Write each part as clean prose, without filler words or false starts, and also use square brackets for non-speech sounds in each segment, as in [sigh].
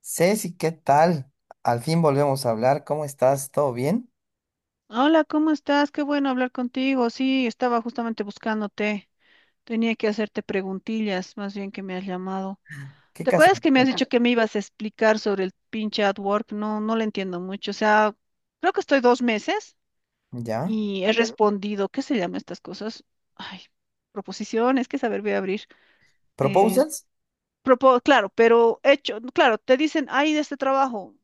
Ceci, ¿qué tal? Al fin volvemos a hablar. ¿Cómo estás? ¿Todo bien? Hola, ¿cómo estás? Qué bueno hablar contigo. Sí, estaba justamente buscándote. Tenía que hacerte preguntillas, más bien que me has llamado. ¿Qué ¿Te caso? acuerdas que me has dicho que me ibas a explicar sobre el pinche AdWork? No, no lo entiendo mucho. O sea, creo que estoy dos meses ¿Ya? y he respondido, ¿qué se llaman estas cosas? Ay, proposiciones, ¿qué saber voy a abrir? eh, ¿Proposals? claro, pero hecho, claro, te dicen, hay de este trabajo,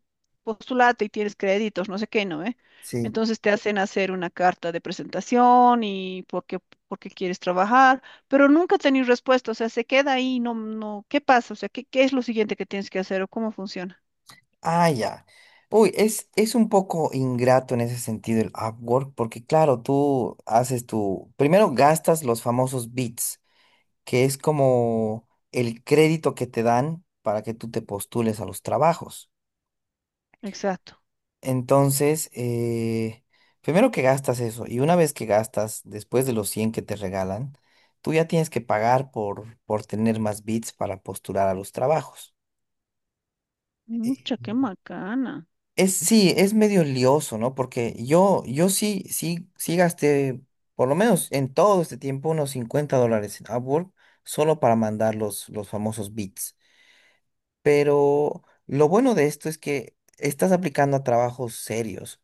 postulate y tienes créditos, no sé qué, ¿no? ¿Eh? Sí. Entonces te hacen hacer una carta de presentación y por qué quieres trabajar, pero nunca tenés respuesta, o sea, se queda ahí, no, no, ¿qué pasa? O sea, ¿qué es lo siguiente que tienes que hacer o cómo funciona? Ah, ya. Uy, es un poco ingrato en ese sentido el Upwork, porque claro, tú haces tu... Primero gastas los famosos bits, que es como el crédito que te dan para que tú te postules a los trabajos. Exacto. Entonces, primero que gastas eso, y una vez que gastas, después de los 100 que te regalan, tú ya tienes que pagar por tener más bits para postular a los trabajos. Eh, Mucha, qué macana. Es, sí, es medio lioso, ¿no? Porque yo sí, sí, sí gasté, por lo menos en todo este tiempo, unos 50 dólares en Upwork solo para mandar los famosos bits. Pero lo bueno de esto es que estás aplicando a trabajos serios.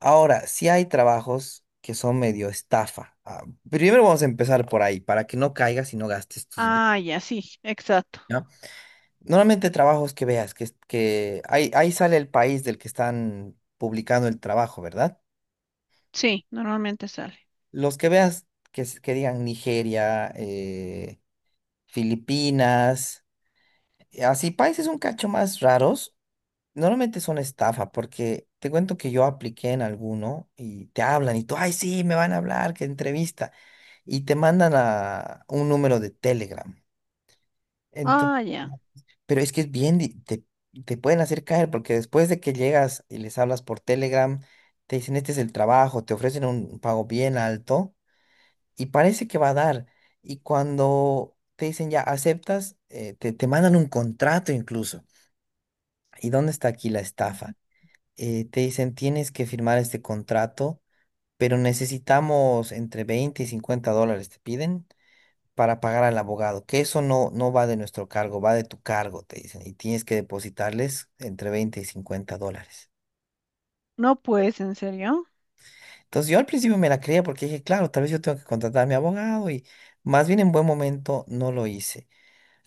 Ahora, sí hay trabajos que son medio estafa. Ah, primero vamos a empezar por ahí, para que no caigas y no gastes tus. Ah, ya, sí, exacto. ¿Ya? Normalmente trabajos que veas, que ahí sale el país del que están publicando el trabajo, ¿verdad? Sí, normalmente sale. Los que veas que digan Nigeria, Filipinas, así países un cacho más raros. Normalmente es una estafa porque te cuento que yo apliqué en alguno y te hablan y tú, ay, sí, me van a hablar, que entrevista. Y te mandan a un número de Telegram. Entonces, Ah, ya. pero es que es bien, te pueden hacer caer porque después de que llegas y les hablas por Telegram, te dicen, este es el trabajo, te ofrecen un pago bien alto y parece que va a dar. Y cuando te dicen ya aceptas, te mandan un contrato incluso. ¿Y dónde está aquí la estafa? Te dicen tienes que firmar este contrato, pero necesitamos entre 20 y 50 dólares, te piden, para pagar al abogado, que eso no va de nuestro cargo, va de tu cargo, te dicen, y tienes que depositarles entre 20 y 50 dólares. No, pues, ¿en serio? Entonces yo al principio me la creía porque dije, claro, tal vez yo tengo que contratar a mi abogado y más bien en buen momento no lo hice.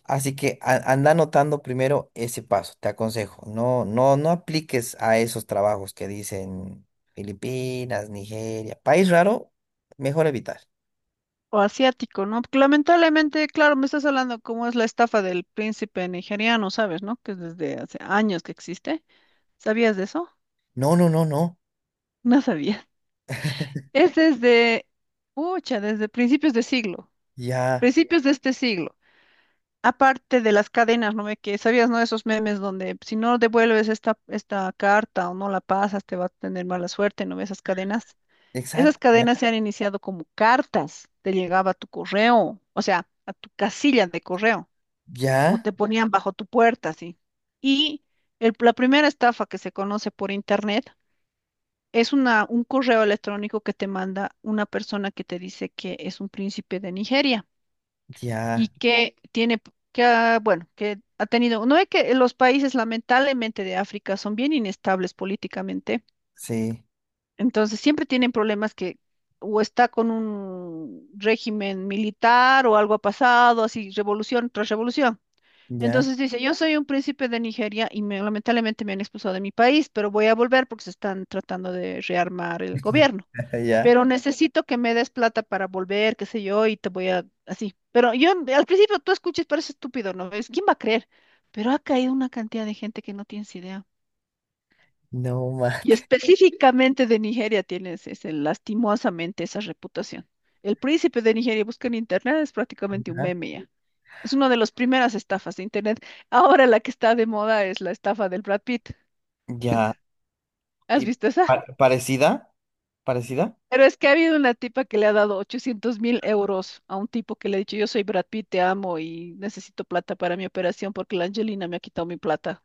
Así que anda anotando primero ese paso, te aconsejo. No, no, no apliques a esos trabajos que dicen Filipinas, Nigeria, país raro, mejor evitar. O asiático, ¿no? Porque lamentablemente, claro, me estás hablando cómo es la estafa del príncipe nigeriano, ¿sabes, no? Que es desde hace años que existe. ¿Sabías de eso? [laughs] No, no, no, no. No sabía. [laughs] Es desde, pucha, desde principios de siglo, Ya, principios de este siglo. Aparte de las cadenas, ¿no? Ve que sabías, ¿no? Esos memes donde si no devuelves esta carta o no la pasas, te va a tener mala suerte, ¿no? Esas cadenas. Esas exacto. Ya, cadenas se han iniciado como cartas, te llegaba a tu correo, o sea, a tu casilla de correo. O ya, te ponían bajo tu puerta, sí. Y la primera estafa que se conoce por internet es un correo electrónico que te manda una persona que te dice que es un príncipe de Nigeria y ya, que tiene, que, bueno, que ha tenido, no es que los países lamentablemente de África son bien inestables políticamente, sí, entonces siempre tienen problemas que o está con un régimen militar o algo ha pasado, así revolución tras revolución. ya, Entonces dice, yo soy un príncipe de Nigeria y lamentablemente me han expulsado de mi país, pero voy a volver porque se están tratando de rearmar el gobierno. [laughs] ya. Pero necesito que me des plata para volver, qué sé yo, y te voy a así. Pero yo al principio tú escuchas, parece estúpido, ¿no ves? ¿Quién va a creer? Pero ha caído una cantidad de gente que no tienes idea. No Y mate. específicamente de Nigeria tienes ese, lastimosamente esa reputación. El príncipe de Nigeria busca en internet, es prácticamente un Ya, meme ya. Es una de las primeras estafas de Internet. Ahora la que está de moda es la estafa del Brad Pitt. ya. ¿Has Y visto esa? Parecida, parecida. Pero es que ha habido una tipa que le ha dado 800 mil euros a un tipo que le ha dicho, yo soy Brad Pitt, te amo y necesito plata para mi operación porque la Angelina me ha quitado mi plata.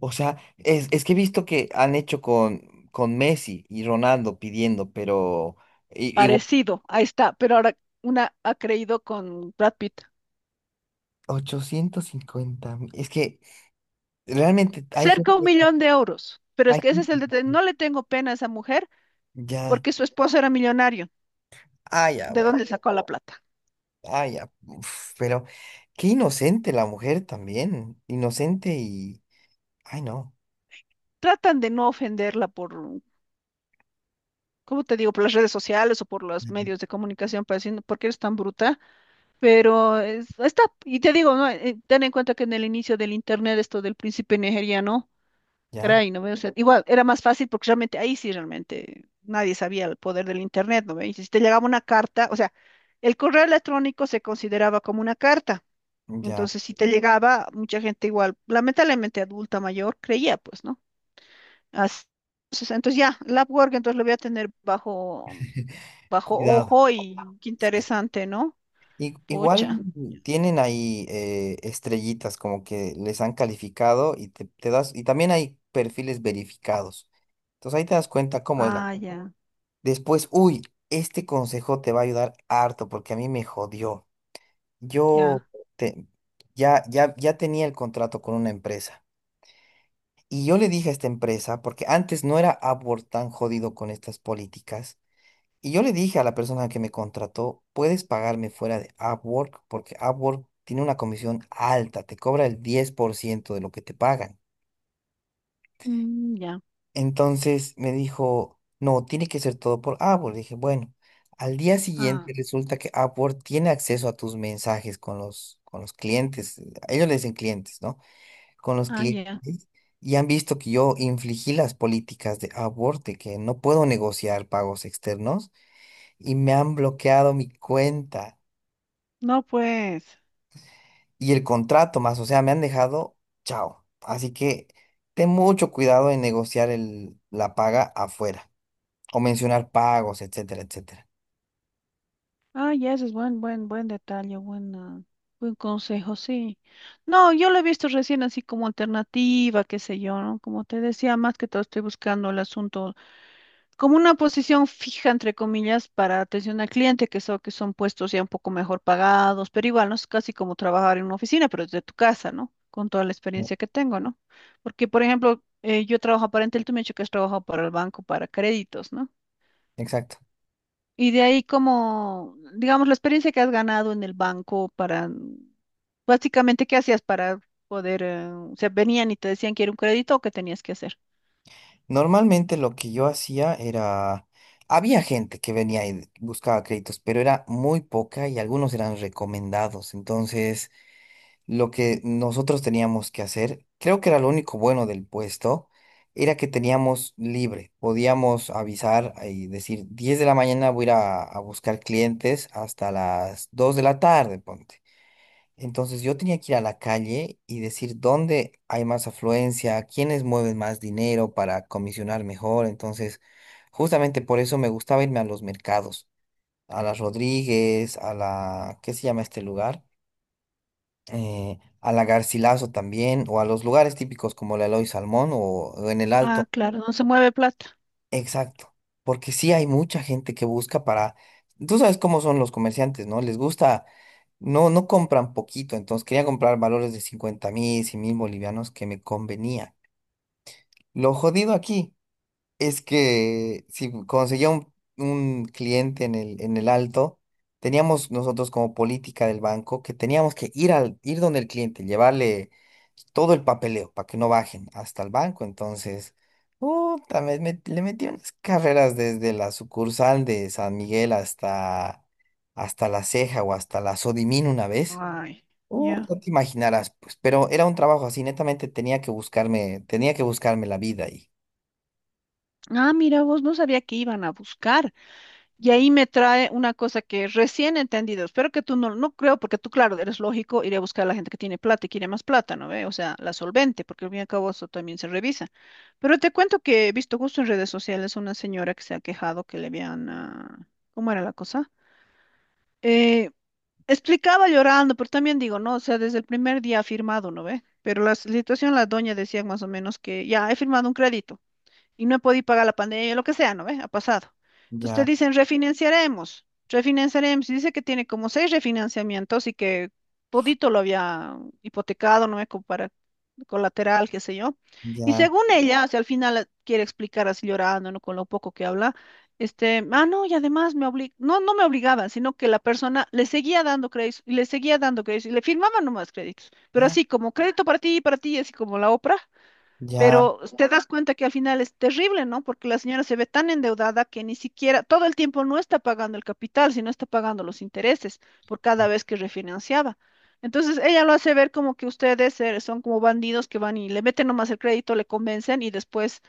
O sea, es que he visto que han hecho con Messi y Ronaldo pidiendo, pero. Igual Parecido, ahí está. Pero ahora una ha creído con Brad Pitt. 850. Es que realmente Cerca de un millón de euros. Pero es hay que ese es el gente detalle. que No le tengo pena a esa mujer ya, porque su esposo era millonario. ah, ya, ¿De bueno, dónde sacó la plata? ah, ya, uf, pero qué inocente la mujer también, inocente y, ay, no. Tratan de no ofenderla por, ¿cómo te digo? Por las redes sociales o por los Ujú. medios de comunicación, pareciendo, porque eres tan bruta, pero está, y te digo, ¿no? Ten en cuenta que en el inicio del internet, esto del príncipe nigeriano, Ya, caray, ¿no ve? O sea, igual era más fácil porque realmente ahí sí realmente nadie sabía el poder del internet, ¿no ve? Y si te llegaba una carta, o sea, el correo electrónico se consideraba como una carta. ya, Entonces, si te llegaba, mucha gente igual, lamentablemente adulta mayor, creía, pues, ¿no? Así entonces ya, el Upwork entonces lo voy a tener bajo [laughs] bajo cuidado. ojo y qué Sí. interesante, ¿no? Igual Pucha. tienen ahí estrellitas como que les han calificado y te das, y también hay perfiles verificados. Entonces ahí te das cuenta cómo es la. Ah, ya, Después, uy, este consejo te va a ayudar harto porque a mí me jodió. ya. Yo te- ya, ya, ya tenía el contrato con una empresa y yo le dije a esta empresa, porque antes no era Upwork tan jodido con estas políticas, y yo le dije a la persona que me contrató, puedes pagarme fuera de Upwork porque Upwork tiene una comisión alta, te cobra el 10% de lo que te pagan. Mm, ya. Entonces me dijo, no, tiene que ser todo por Upwork. Dije, bueno, al día Ah, siguiente resulta que Upwork tiene acceso a tus mensajes con los clientes. A ellos le dicen clientes, ¿no? Con los ah, clientes. ya. Y han visto que yo infligí las políticas de Upwork, de que no puedo negociar pagos externos, y me han bloqueado mi cuenta No, pues. y el contrato más. O sea, me han dejado, chao. Así que ten mucho cuidado en negociar la paga afuera, o mencionar pagos, etcétera, etcétera. Ah, ya, ese es buen detalle, buen consejo, sí. No, yo lo he visto recién así como alternativa, qué sé yo, ¿no? Como te decía, más que todo estoy buscando el asunto como una posición fija, entre comillas, para atención al cliente, que son puestos ya un poco mejor pagados, pero igual no es casi como trabajar en una oficina, pero desde tu casa, ¿no? Con toda la Mm. experiencia que tengo, ¿no? Porque, por ejemplo, yo trabajo para Entel, tú me has dicho que has trabajado para el banco, para créditos, ¿no? Exacto. Y de ahí como, digamos, la experiencia que has ganado en el banco para, básicamente, ¿qué hacías para poder, o sea, venían y te decían que era un crédito o qué tenías que hacer? Normalmente lo que yo hacía era, había gente que venía y buscaba créditos, pero era muy poca y algunos eran recomendados. Entonces, lo que nosotros teníamos que hacer, creo que era lo único bueno del puesto, era que teníamos libre. Podíamos avisar y decir, 10 de la mañana voy a ir a buscar clientes hasta las 2 de la tarde, ponte. Entonces yo tenía que ir a la calle y decir dónde hay más afluencia, quiénes mueven más dinero para comisionar mejor. Entonces, justamente por eso me gustaba irme a los mercados, a la Rodríguez, a la, ¿qué se llama este lugar? A la Garcilaso también, o a los lugares típicos como la Eloy Salmón o en el Alto. Ah, claro, no se mueve plata. Exacto, porque sí hay mucha gente que busca para, tú sabes cómo son los comerciantes, ¿no? Les gusta, no, no compran poquito, entonces quería comprar valores de 50.000, 100 mil bolivianos que me convenía. Lo jodido aquí es que si conseguía un cliente en en el alto, teníamos nosotros como política del banco que teníamos que ir ir donde el cliente, llevarle todo el papeleo para que no bajen hasta el banco. Entonces, puta, le metí unas carreras desde la sucursal de San Miguel hasta, hasta La Ceja o hasta la Sodimín una vez. Ay, ya. No te imaginarás, pues, pero era un trabajo así, netamente tenía que buscarme la vida ahí. Ah, mira, vos no sabía que iban a buscar. Y ahí me trae una cosa que recién he entendido. Espero que tú no, no creo, porque tú, claro, eres lógico, iré a buscar a la gente que tiene plata y quiere más plata, ¿no ve? O sea, la solvente, porque al fin y al cabo eso también se revisa. Pero te cuento que he visto justo en redes sociales una señora que se ha quejado que le habían, ah, ¿cómo era la cosa? Eh, Explicaba llorando, pero también digo, no, o sea, desde el primer día ha firmado, ¿no ve? Pero la situación, la doña decía más o menos que ya he firmado un crédito y no he podido pagar la pandemia, lo que sea, ¿no ve? Ha pasado. Entonces te Ya, dicen, refinanciaremos, refinanciaremos. Y dice que tiene como seis refinanciamientos y que todito lo había hipotecado, ¿no ve? Como para colateral, qué sé yo. Y ya. según ella, o sea, al final quiere explicar así llorando, ¿no? Con lo poco que habla. Este, ah, no, y además no, no me obligaban, sino que la persona le seguía dando créditos y le seguía dando créditos y le firmaban nomás créditos, pero así como crédito para ti y para ti, así como la Oprah, Ya, pero te das cuenta que al final es terrible, ¿no? Porque la señora se ve tan endeudada que ni siquiera todo el tiempo no está pagando el capital, sino está pagando los intereses por cada vez que refinanciaba. Entonces ella lo hace ver como que ustedes son como bandidos que van y le meten nomás el crédito, le convencen y después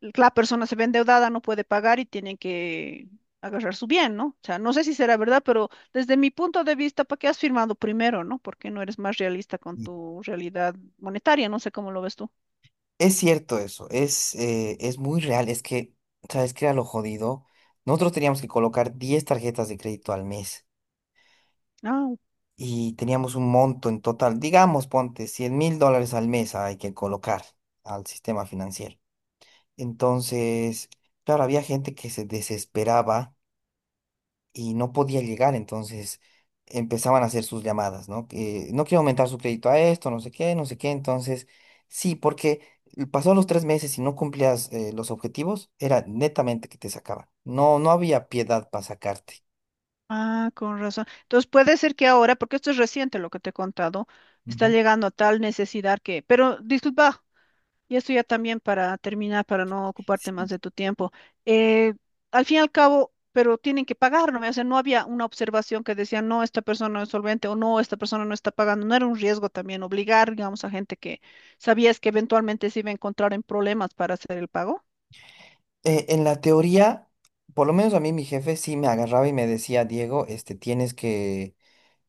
la persona se ve endeudada, no puede pagar y tienen que agarrar su bien, ¿no? O sea, no sé si será verdad, pero desde mi punto de vista, ¿para qué has firmado primero, no? Porque no eres más realista con y tu realidad monetaria, no sé cómo lo ves tú. es cierto eso, es muy real, es que, ¿sabes qué era lo jodido? Nosotros teníamos que colocar 10 tarjetas de crédito al mes Ah, y teníamos un monto en total, digamos, ponte $100.000 al mes hay que colocar al sistema financiero. Entonces, claro, había gente que se desesperaba y no podía llegar, entonces empezaban a hacer sus llamadas, ¿no? Que no quiero aumentar su crédito a esto, no sé qué, no sé qué, entonces sí, porque pasó los 3 meses y no cumplías los objetivos, era netamente que te sacaban, no había piedad para sacarte. ah, con razón. Entonces puede ser que ahora, porque esto es reciente lo que te he contado, está Ujú. llegando a tal necesidad que, pero disculpa, y esto ya también para terminar, para no ocuparte más de Sí, tu tiempo. eh, al fin y al cabo, pero tienen que pagar, ¿no? O sea, no había una observación que decía, no, esta persona no es solvente o no, esta persona no está pagando. No era un riesgo también obligar, digamos, a gente que sabías que eventualmente se iba a encontrar en problemas para hacer el pago. En la teoría, por lo menos a mí mi jefe sí me agarraba y me decía, Diego, este, tienes que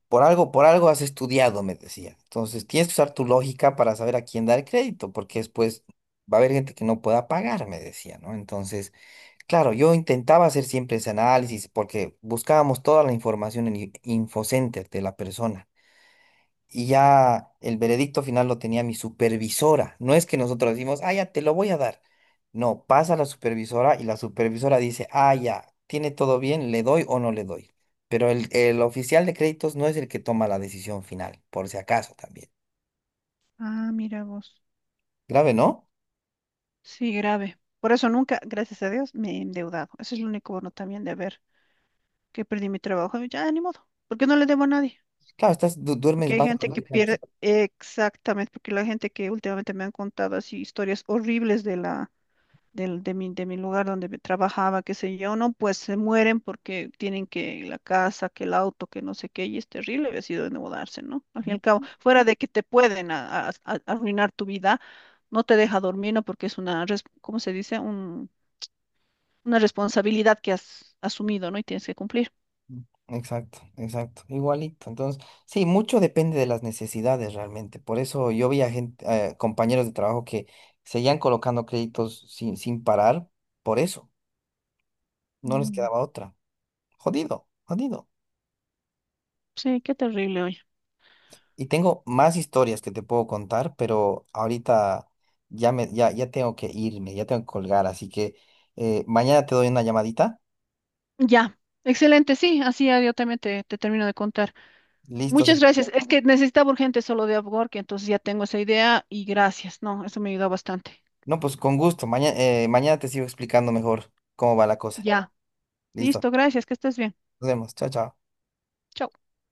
por algo, por algo has estudiado, me decía. Entonces, tienes que usar tu lógica para saber a quién dar crédito, porque después va a haber gente que no pueda pagar, me decía, ¿no? Entonces, claro, yo intentaba hacer siempre ese análisis porque buscábamos toda la información en Infocenter de la persona y ya el veredicto final lo tenía mi supervisora. No es que nosotros decimos, ah, ya te lo voy a dar. No, pasa la supervisora y la supervisora dice, ah, ya, tiene todo bien, le doy o no le doy. Pero el oficial de créditos no es el que toma la decisión final, por si acaso también. Ah, mira vos. Grave, ¿no? Sí, grave. Por eso nunca, gracias a Dios, me he endeudado. Ese es el único bono también de ver que perdí mi trabajo. Ya, ni modo, porque no le debo a nadie. Claro, duermes Porque hay más gente no que pierde, tranquilo. exactamente, porque la gente que últimamente me han contado así historias horribles de la, del, de mi lugar donde me trabajaba, qué sé yo, no, pues se mueren porque tienen que la casa, que el auto, que no sé qué, y es terrible haber sido endeudarse, ¿no? Al fin y al cabo, fuera de que te pueden arruinar tu vida, no te deja dormir, ¿no? Porque es una, ¿cómo se dice? Un una responsabilidad que has asumido, ¿no? Y tienes que cumplir. Exacto, exacto, igualito. Entonces, sí, mucho depende de las necesidades realmente. Por eso yo vi a gente, compañeros de trabajo que seguían colocando créditos sin parar, por eso, no les Mm, quedaba otra. Jodido, jodido. sí, qué terrible hoy. Y tengo más historias que te puedo contar, pero ahorita ya tengo que irme, ya tengo que colgar, así que mañana te doy una llamadita. Ya, excelente, sí, así ya yo también te termino de contar. Listo. Muchas Sí. gracias. Es que necesitaba urgente solo de que entonces ya tengo esa idea y gracias, no, eso me ayudó bastante. No, pues con gusto. Mañana te sigo explicando mejor cómo va la cosa. Ya, Listo. listo, gracias, que estés bien. Nos vemos. Chao, chao. Chao.